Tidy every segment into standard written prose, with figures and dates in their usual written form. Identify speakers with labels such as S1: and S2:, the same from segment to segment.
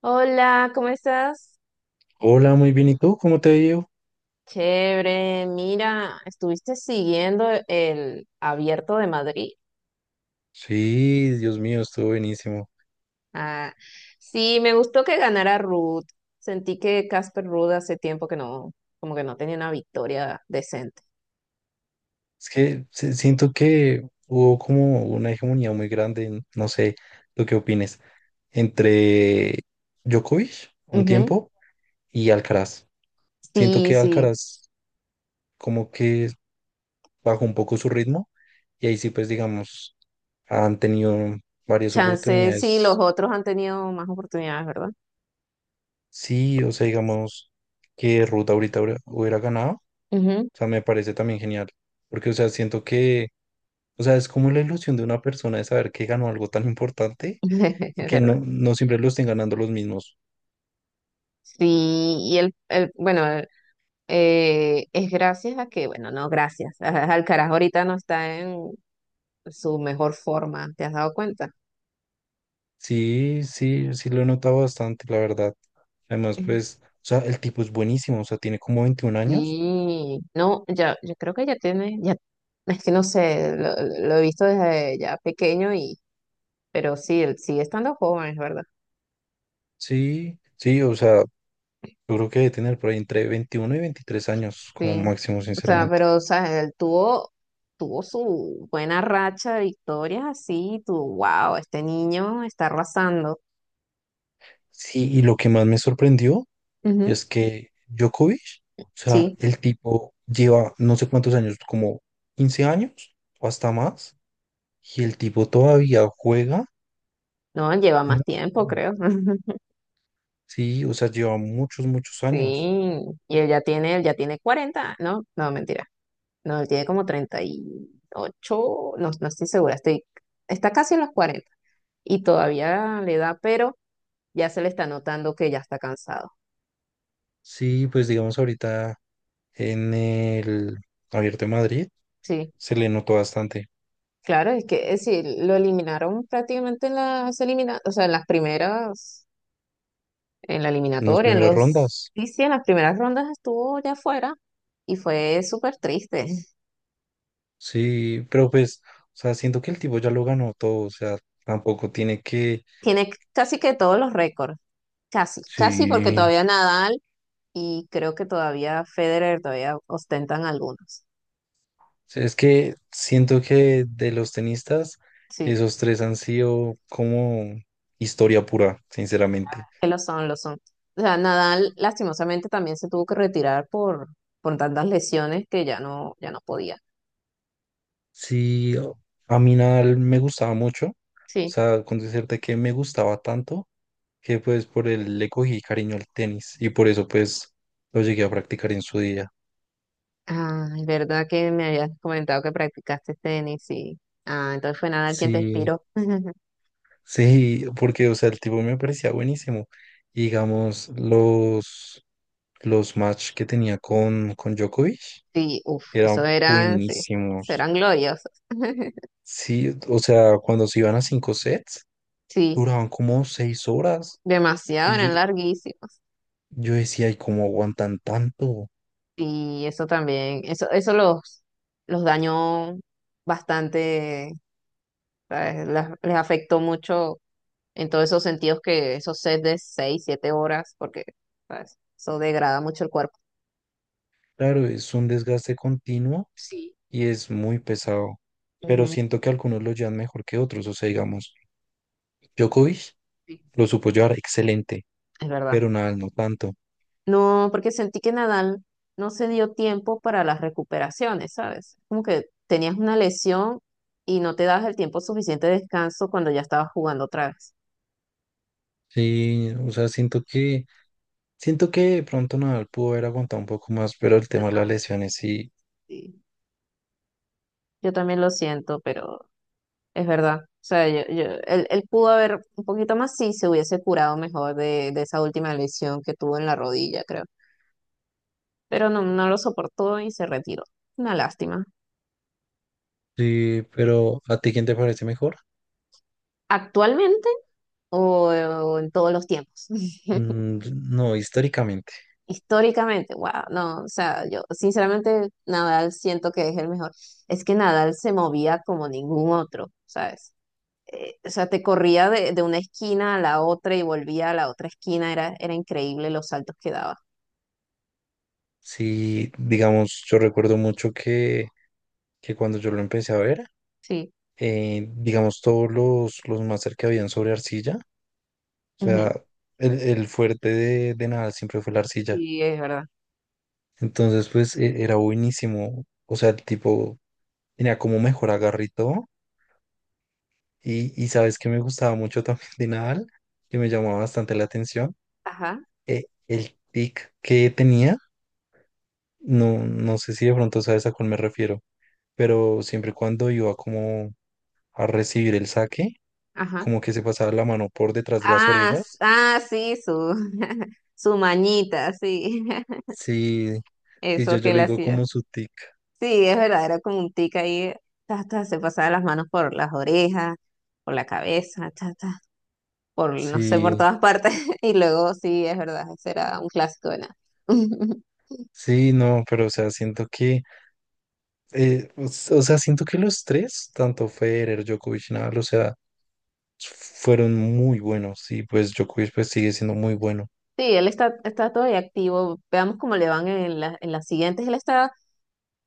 S1: Hola, ¿cómo estás?
S2: Hola, muy bien. ¿Y tú? ¿Cómo te ha ido?
S1: Chévere, mira, ¿estuviste siguiendo el Abierto de Madrid?
S2: Sí, Dios mío, estuvo buenísimo.
S1: Ah, sí, me gustó que ganara Ruth. Sentí que Casper Ruud hace tiempo que no, como que no tenía una victoria decente.
S2: Es que siento que hubo como una hegemonía muy grande, no sé, ¿tú qué opines? Entre Djokovic, un
S1: Ujú.
S2: tiempo, y Alcaraz. Siento
S1: Sí,
S2: que
S1: sí,
S2: Alcaraz como que bajó un poco su ritmo y ahí sí, pues digamos, han tenido varias
S1: chance, sí, los
S2: oportunidades.
S1: otros han tenido más oportunidades, ¿verdad?
S2: Sí, o sea, digamos que Ruta ahorita hubiera ganado.
S1: Ujú.
S2: O sea, me parece también genial. Porque, o sea, siento que o sea, es como la ilusión de una persona de saber que ganó algo tan importante y
S1: Es
S2: que
S1: verdad.
S2: no, no siempre lo estén ganando los mismos.
S1: Sí, y bueno, es gracias a que, bueno, no, gracias. Alcaraz ahorita no está en su mejor forma, ¿te has dado cuenta?
S2: Sí, sí, sí lo he notado bastante, la verdad. Además,
S1: Eh,
S2: pues, o sea, el tipo es buenísimo, o sea, tiene como 21 años.
S1: Sí, no, ya, yo creo que ya tiene, ya, es que no sé, lo he visto desde ya pequeño y, pero sí, él sigue estando joven, es verdad.
S2: Sí, sí, o sea, yo creo que debe tener por ahí entre 21 y 23 años como
S1: Sí.
S2: máximo,
S1: O sea,
S2: sinceramente.
S1: pero, o sea, él tuvo su buena racha de victorias así, tú, wow, este niño está arrasando.
S2: Sí, y lo que más me sorprendió
S1: Ujú.
S2: es que Djokovic, o sea,
S1: Sí,
S2: el tipo lleva no sé cuántos años, como 15 años o hasta más. Y el tipo todavía juega
S1: no, él lleva más
S2: muy
S1: tiempo,
S2: bien.
S1: creo.
S2: Sí, o sea, lleva muchos, muchos
S1: Sí,
S2: años.
S1: y él ya tiene 40, ¿no? No, mentira. No, él tiene como 38 no estoy segura, está casi en los 40 y todavía le da, pero ya se le está notando que ya está cansado.
S2: Sí, pues digamos ahorita en el Abierto de Madrid
S1: Sí,
S2: se le notó bastante
S1: claro, es que es decir, lo eliminaron prácticamente o sea, en las primeras, en la
S2: en las
S1: eliminatoria, en
S2: primeras
S1: los,
S2: rondas.
S1: sí, sí, en las primeras rondas estuvo ya fuera y fue súper triste.
S2: Sí, pero pues, o sea, siento que el tipo ya lo ganó todo, o sea, tampoco tiene que.
S1: Tiene casi que todos los récords, casi, casi porque
S2: Sí,
S1: todavía Nadal y creo que todavía Federer todavía ostentan algunos.
S2: sí, es que siento que de los tenistas,
S1: Sí.
S2: esos tres han sido como historia pura, sinceramente.
S1: Que lo son, lo son. O sea, Nadal lastimosamente también se tuvo que retirar por tantas lesiones que ya no, ya no podía.
S2: Sí, a mí Nadal me gustaba mucho, o
S1: Sí.
S2: sea, con decirte que me gustaba tanto que pues por él le cogí cariño al tenis y por eso pues lo llegué a practicar en su día.
S1: Ah, es verdad que me habías comentado que practicaste tenis, sí. Ah, entonces fue Nadal quien te
S2: Sí,
S1: inspiró.
S2: sí, porque o sea, el tipo me parecía buenísimo. Y, digamos, los match que tenía con Djokovic
S1: Sí, uff, eso
S2: eran
S1: eran, sí, eso
S2: buenísimos.
S1: eran gloriosos.
S2: Sí, o sea, cuando se iban a 5 sets,
S1: Sí,
S2: duraban como 6 horas.
S1: demasiado,
S2: Y
S1: eran
S2: yo,
S1: larguísimos.
S2: yo decía, ¿y cómo aguantan tanto?
S1: Y eso también, eso los dañó bastante, ¿sabes? Les afectó mucho en todos esos sentidos que esos sets de 6, 7 horas, porque ¿sabes? Eso degrada mucho el cuerpo.
S2: Claro, es un desgaste continuo
S1: Sí.
S2: y es muy pesado, pero
S1: Ujú,
S2: siento que algunos lo llevan mejor que otros. O sea, digamos, Djokovic
S1: sí.
S2: lo supo llevar excelente,
S1: Es verdad.
S2: pero Nadal no tanto.
S1: No, porque sentí que Nadal no se dio tiempo para las recuperaciones, ¿sabes? Como que tenías una lesión y no te das el tiempo suficiente de descanso cuando ya estabas jugando otra vez.
S2: Sí, o sea, siento que de pronto Nadal pudo haber aguantado un poco más, pero el
S1: Yo
S2: tema de las lesiones sí.
S1: Sí, yo también lo siento, pero es verdad. O sea, él pudo haber un poquito más si se hubiese curado mejor de esa última lesión que tuvo en la rodilla, creo. Pero no lo soportó y se retiró. Una lástima.
S2: Sí, pero ¿a ti quién te parece mejor?
S1: ¿Actualmente o en todos los tiempos?
S2: Mm, no, históricamente.
S1: Históricamente, wow, no, o sea, yo sinceramente Nadal siento que es el mejor. Es que Nadal se movía como ningún otro, ¿sabes? O sea, te corría de una esquina a la otra y volvía a la otra esquina, era increíble los saltos que daba.
S2: Sí, digamos, yo recuerdo mucho que cuando yo lo empecé a ver,
S1: Sí,
S2: digamos, todos los máster que habían sobre arcilla. O sea,
S1: ujú.
S2: el fuerte de Nadal siempre fue la arcilla.
S1: Sí, es verdad.
S2: Entonces, pues era buenísimo. O sea, el tipo tenía como mejor agarre y todo. Y sabes que me gustaba mucho también de Nadal, que me llamaba bastante la atención.
S1: Ajá,
S2: El tic que tenía, no, no sé si de pronto sabes a cuál me refiero, pero siempre cuando iba como a recibir el saque,
S1: ajá.
S2: como que se pasaba la mano por detrás de las
S1: Ah, s-
S2: orejas.
S1: ah, sí, su, su mañita, sí.
S2: Sí, sí, yo,
S1: Eso
S2: yo
S1: que
S2: le
S1: él
S2: digo
S1: hacía.
S2: como su tic.
S1: Sí, es verdad, era como un tic ahí, ta, ta, se pasaba las manos por las orejas, por la cabeza, ta, ta, por, no sé, por
S2: Sí.
S1: todas partes. Y luego, sí, es verdad, ese era un clásico de nada.
S2: Sí, no, pero o sea, siento que, o sea, siento que los tres, tanto Federer, Djokovic, Nadal, o sea, fueron muy buenos y pues Djokovic pues sigue siendo muy bueno.
S1: Sí, él está todavía activo. Veamos cómo le van en las siguientes. Él está,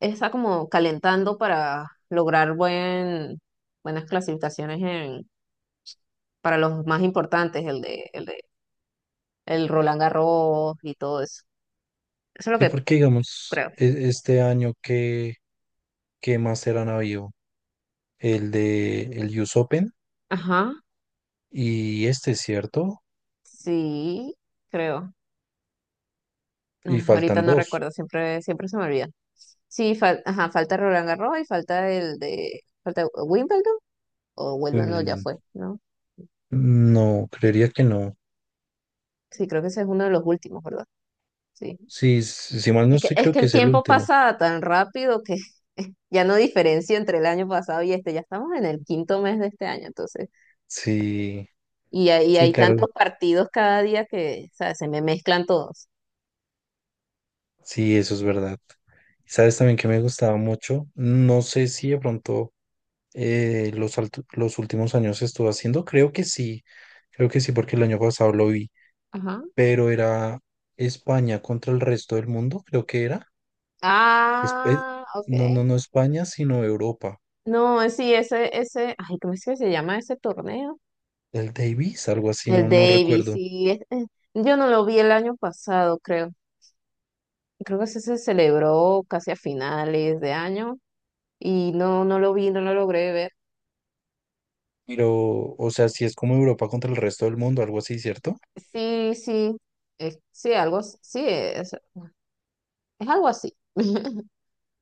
S1: está como calentando para lograr buenas clasificaciones para los más importantes, el de el Roland Garros y todo eso. Eso es lo
S2: Sí,
S1: que
S2: porque digamos,
S1: creo.
S2: este año que, qué más eran habido, el de el US Open
S1: Ajá.
S2: y este, ¿cierto?
S1: Sí, creo.
S2: Y
S1: Ah, ahorita
S2: faltan
S1: no
S2: dos,
S1: recuerdo, siempre, siempre se me olvida. Sí, ajá, falta Roland Garros y falta falta Wimbledon o Wimbledon no, ya
S2: Wimbledon.
S1: fue, ¿no?
S2: No, creería que no.
S1: Sí, creo que ese es uno de los últimos, ¿verdad? Sí.
S2: Sí, si mal no
S1: Es que,
S2: estoy,
S1: es
S2: creo
S1: que
S2: que
S1: el
S2: es el
S1: tiempo
S2: último.
S1: pasa tan rápido que ya no diferencio entre el año pasado y este, ya estamos en el quinto mes de este año, entonces,
S2: Sí,
S1: y hay,
S2: sí,
S1: hay
S2: claro.
S1: tantos partidos cada día que, o sea, se me mezclan todos.
S2: Sí, eso es verdad. ¿Sabes también que me gustaba mucho? No sé si de pronto los, los últimos años estuvo haciendo, creo que sí, porque el año pasado lo vi,
S1: Ajá.
S2: pero era España contra el resto del mundo, creo que era. Es- eh,
S1: Ah, ok.
S2: no, no, no España, sino Europa.
S1: No, sí, ese, ay, ¿cómo es que se llama ese torneo?
S2: El Davis, algo así,
S1: El
S2: no, no
S1: Davis,
S2: recuerdo.
S1: sí, yo no lo vi el año pasado, creo. Creo que ese se celebró casi a finales de año y no lo vi, no lo logré ver.
S2: Pero, o sea, sí es como Europa contra el resto del mundo, algo así, ¿cierto?
S1: Sí, sí, sí, algo, sí, es algo así.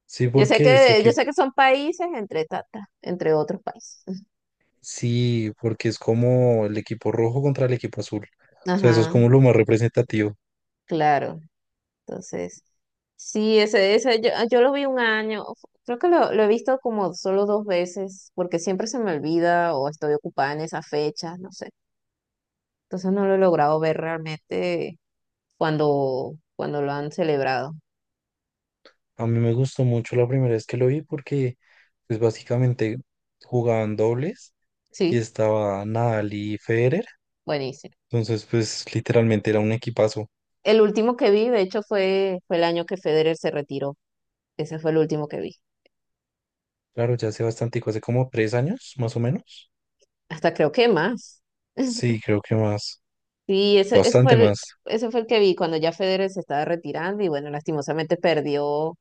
S2: Sí,
S1: Yo sé
S2: porque sé
S1: que, yo
S2: que.
S1: sé que son países entre tata, entre otros países.
S2: Sí, porque es como el equipo rojo contra el equipo azul. O sea, eso es
S1: Ajá,
S2: como lo más representativo.
S1: claro. Entonces. Sí, ese, yo lo vi un año, creo que lo he visto como solo dos veces, porque siempre se me olvida o estoy ocupada en esa fecha, no sé. Entonces no lo he logrado ver realmente cuando lo han celebrado.
S2: A mí me gustó mucho la primera vez que lo vi porque, pues básicamente jugaban dobles y
S1: Sí,
S2: estaba Nadal y Federer.
S1: buenísimo.
S2: Entonces, pues literalmente era un equipazo.
S1: El último que vi, de hecho, fue el año que Federer se retiró. Ese fue el último que vi.
S2: Claro, ya hace bastante, hace como 3 años, más o menos.
S1: Hasta creo que más.
S2: Sí, creo que más.
S1: Sí,
S2: Bastante más.
S1: ese fue el que vi cuando ya Federer se estaba retirando y bueno, lastimosamente perdió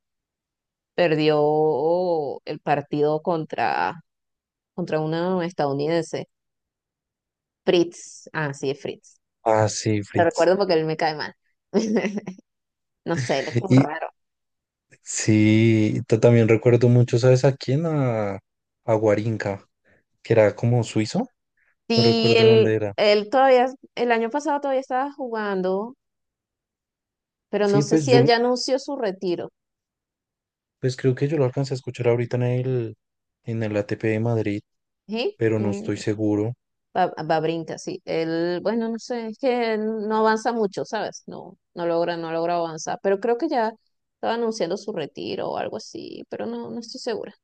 S1: perdió el partido contra una estadounidense, Fritz. Ah, sí, es Fritz.
S2: Ah, sí,
S1: Lo
S2: Fritz.
S1: recuerdo porque él me cae mal. No sé, él es como
S2: Y
S1: raro.
S2: sí, también recuerdo mucho, ¿sabes a quién? A Guarinca, que era como suizo. No
S1: Sí,
S2: recuerdo
S1: él,
S2: dónde era.
S1: él todavía, el año pasado todavía estaba jugando, pero no
S2: Sí,
S1: sé
S2: pues
S1: si él ya anunció su retiro.
S2: creo que yo lo alcancé a escuchar ahorita en el, ATP de Madrid,
S1: ¿Sí?
S2: pero no
S1: Mm,
S2: estoy seguro.
S1: Babrinka, sí. Él, bueno, no sé, es que él no avanza mucho, ¿sabes? No, no logra avanzar, pero creo que ya estaba anunciando su retiro o algo así, pero no estoy segura.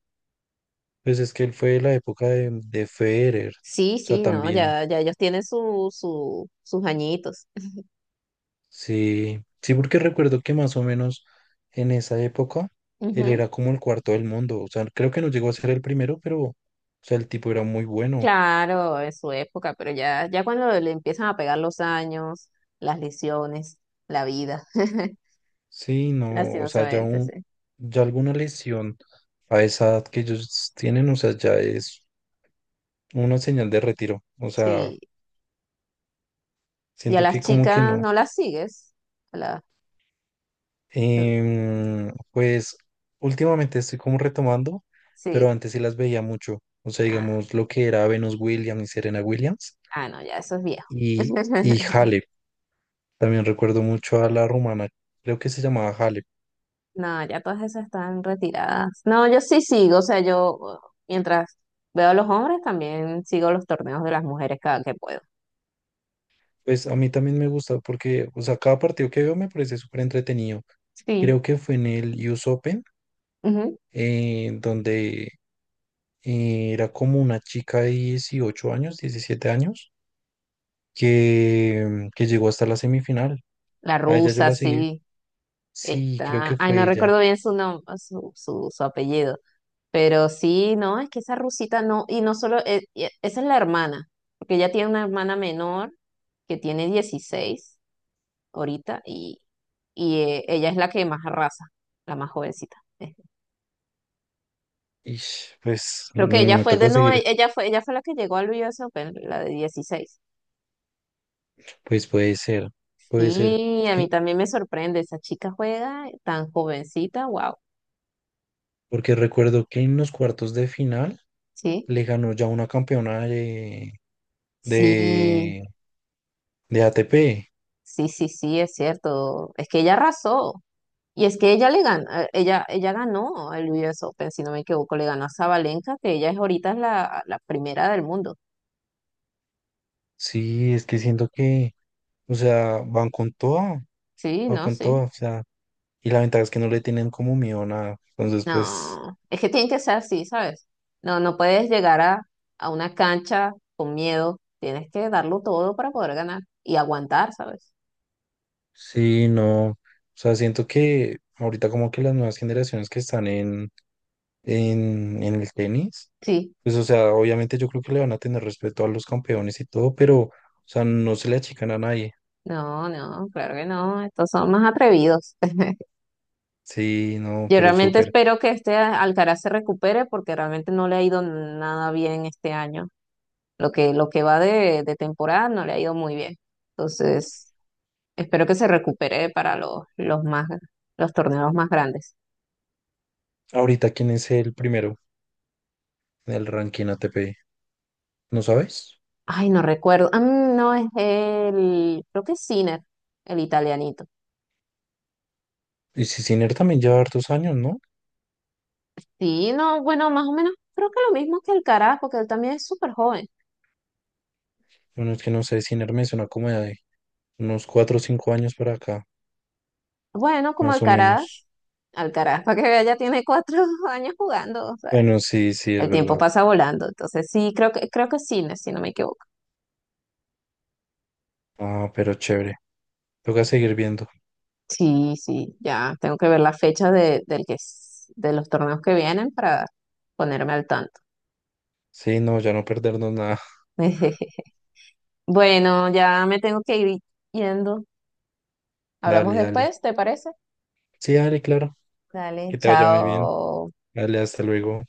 S2: Pues es que él fue de la época de Federer, o
S1: Sí,
S2: sea,
S1: sí, no,
S2: también.
S1: ya ellos tienen sus añitos.
S2: Sí, sí, porque recuerdo que más o menos en esa época él
S1: Ujú.
S2: era como el cuarto del mundo, o sea, creo que no llegó a ser el primero, pero, o sea, el tipo era muy bueno.
S1: Claro, en su época, pero ya cuando le empiezan a pegar los años, las lesiones, la vida,
S2: Sí, no, o sea,
S1: lastimosamente, sí.
S2: ya alguna lesión a esa edad que ellos tienen, o sea, ya es una señal de retiro. O sea,
S1: Sí, y a
S2: siento
S1: las
S2: que como que
S1: chicas
S2: no.
S1: no las sigues. A la-
S2: Pues últimamente estoy como retomando, pero
S1: sí,
S2: antes sí las veía mucho. O sea,
S1: ah,
S2: digamos lo que era Venus Williams y Serena Williams
S1: ah, no, ya eso es viejo.
S2: y, y Halep. También recuerdo mucho a la rumana, creo que se llamaba Halep.
S1: No, ya todas esas están retiradas. No, yo sí sigo, o sea, yo mientras veo a los hombres, también sigo los torneos de las mujeres cada que puedo.
S2: Pues a mí también me gusta porque, o sea, cada partido que veo me parece súper entretenido.
S1: Sí.
S2: Creo que fue en el US Open,
S1: Ujú.
S2: donde era como una chica de 18 años, 17 años que llegó hasta la semifinal.
S1: La
S2: A ella yo
S1: rusa,
S2: la seguí.
S1: sí,
S2: Sí, creo
S1: está.
S2: que
S1: Ay,
S2: fue
S1: no
S2: ella.
S1: recuerdo bien su nombre, su apellido. Pero sí, no, es que esa rusita no, y no solo, esa es la hermana, porque ella tiene una hermana menor que tiene 16 ahorita y ella es la que más arrasa, la más jovencita.
S2: Y pues
S1: Creo que ella
S2: me
S1: fue de,
S2: toca
S1: no, e-
S2: seguir.
S1: ella fue la que llegó al US Open, la de 16.
S2: Pues puede ser, puede ser.
S1: Sí,
S2: Es
S1: a mí
S2: que,
S1: también me sorprende, esa chica juega tan jovencita, wow,
S2: porque recuerdo que en los cuartos de final
S1: sí.
S2: le ganó ya una campeona
S1: Sí,
S2: de, de ATP.
S1: sí, sí, sí, es cierto. Es que ella arrasó. Y es que ella le ganó, ella ganó el US Open, si no me equivoco, le ganó a Sabalenka, que ella es ahorita es la primera del mundo.
S2: Sí, es que siento que, o sea, van con toda,
S1: Sí,
S2: van
S1: no,
S2: con
S1: sí.
S2: toda. O sea, y la ventaja es que no le tienen como miedo a nada. Entonces, pues.
S1: No, es que tiene que ser así, ¿sabes? No, no puedes llegar a una cancha con miedo. Tienes que darlo todo para poder ganar y aguantar, ¿sabes?
S2: Sí, no. O sea, siento que ahorita como que las nuevas generaciones que están en el tenis,
S1: Sí.
S2: pues o sea, obviamente yo creo que le van a tener respeto a los campeones y todo, pero o sea, no se le achican a nadie.
S1: No, no, claro que no. Estos son más atrevidos.
S2: Sí, no,
S1: Yo
S2: pero
S1: realmente
S2: súper.
S1: espero que este Alcaraz se recupere porque realmente no le ha ido nada bien este año. Lo que va de temporada no le ha ido muy bien. Entonces, espero que se recupere para los torneos más grandes.
S2: Ahorita, ¿quién es el primero del ranking ATP? ¿No sabes?
S1: Ay, no recuerdo. Ah, no, creo que es Sinner, el italianito.
S2: Y si Sinner también lleva hartos años, ¿no?
S1: Sí, no, bueno, más o menos creo que lo mismo que Alcaraz, porque él también es súper joven.
S2: Bueno, es que no sé, Sinner me suena como de unos 4 o 5 años para acá,
S1: Bueno, como
S2: más o menos.
S1: Alcaraz, para que vea, ya tiene 4 años jugando, o sea.
S2: Bueno, sí, sí, es
S1: El tiempo
S2: verdad.
S1: pasa volando, entonces sí, creo que es cine, si no me equivoco.
S2: Ah, pero chévere. Toca seguir viendo.
S1: Sí, sí, ya tengo que ver la fecha de los torneos que vienen para ponerme al tanto.
S2: Sí, no, ya no perdernos nada.
S1: Bueno, ya me tengo que ir yendo. Hablamos
S2: Dale, dale.
S1: después, ¿te parece?
S2: Sí, dale, claro.
S1: Dale,
S2: Que te vaya muy bien.
S1: chao.
S2: Dale, hasta luego.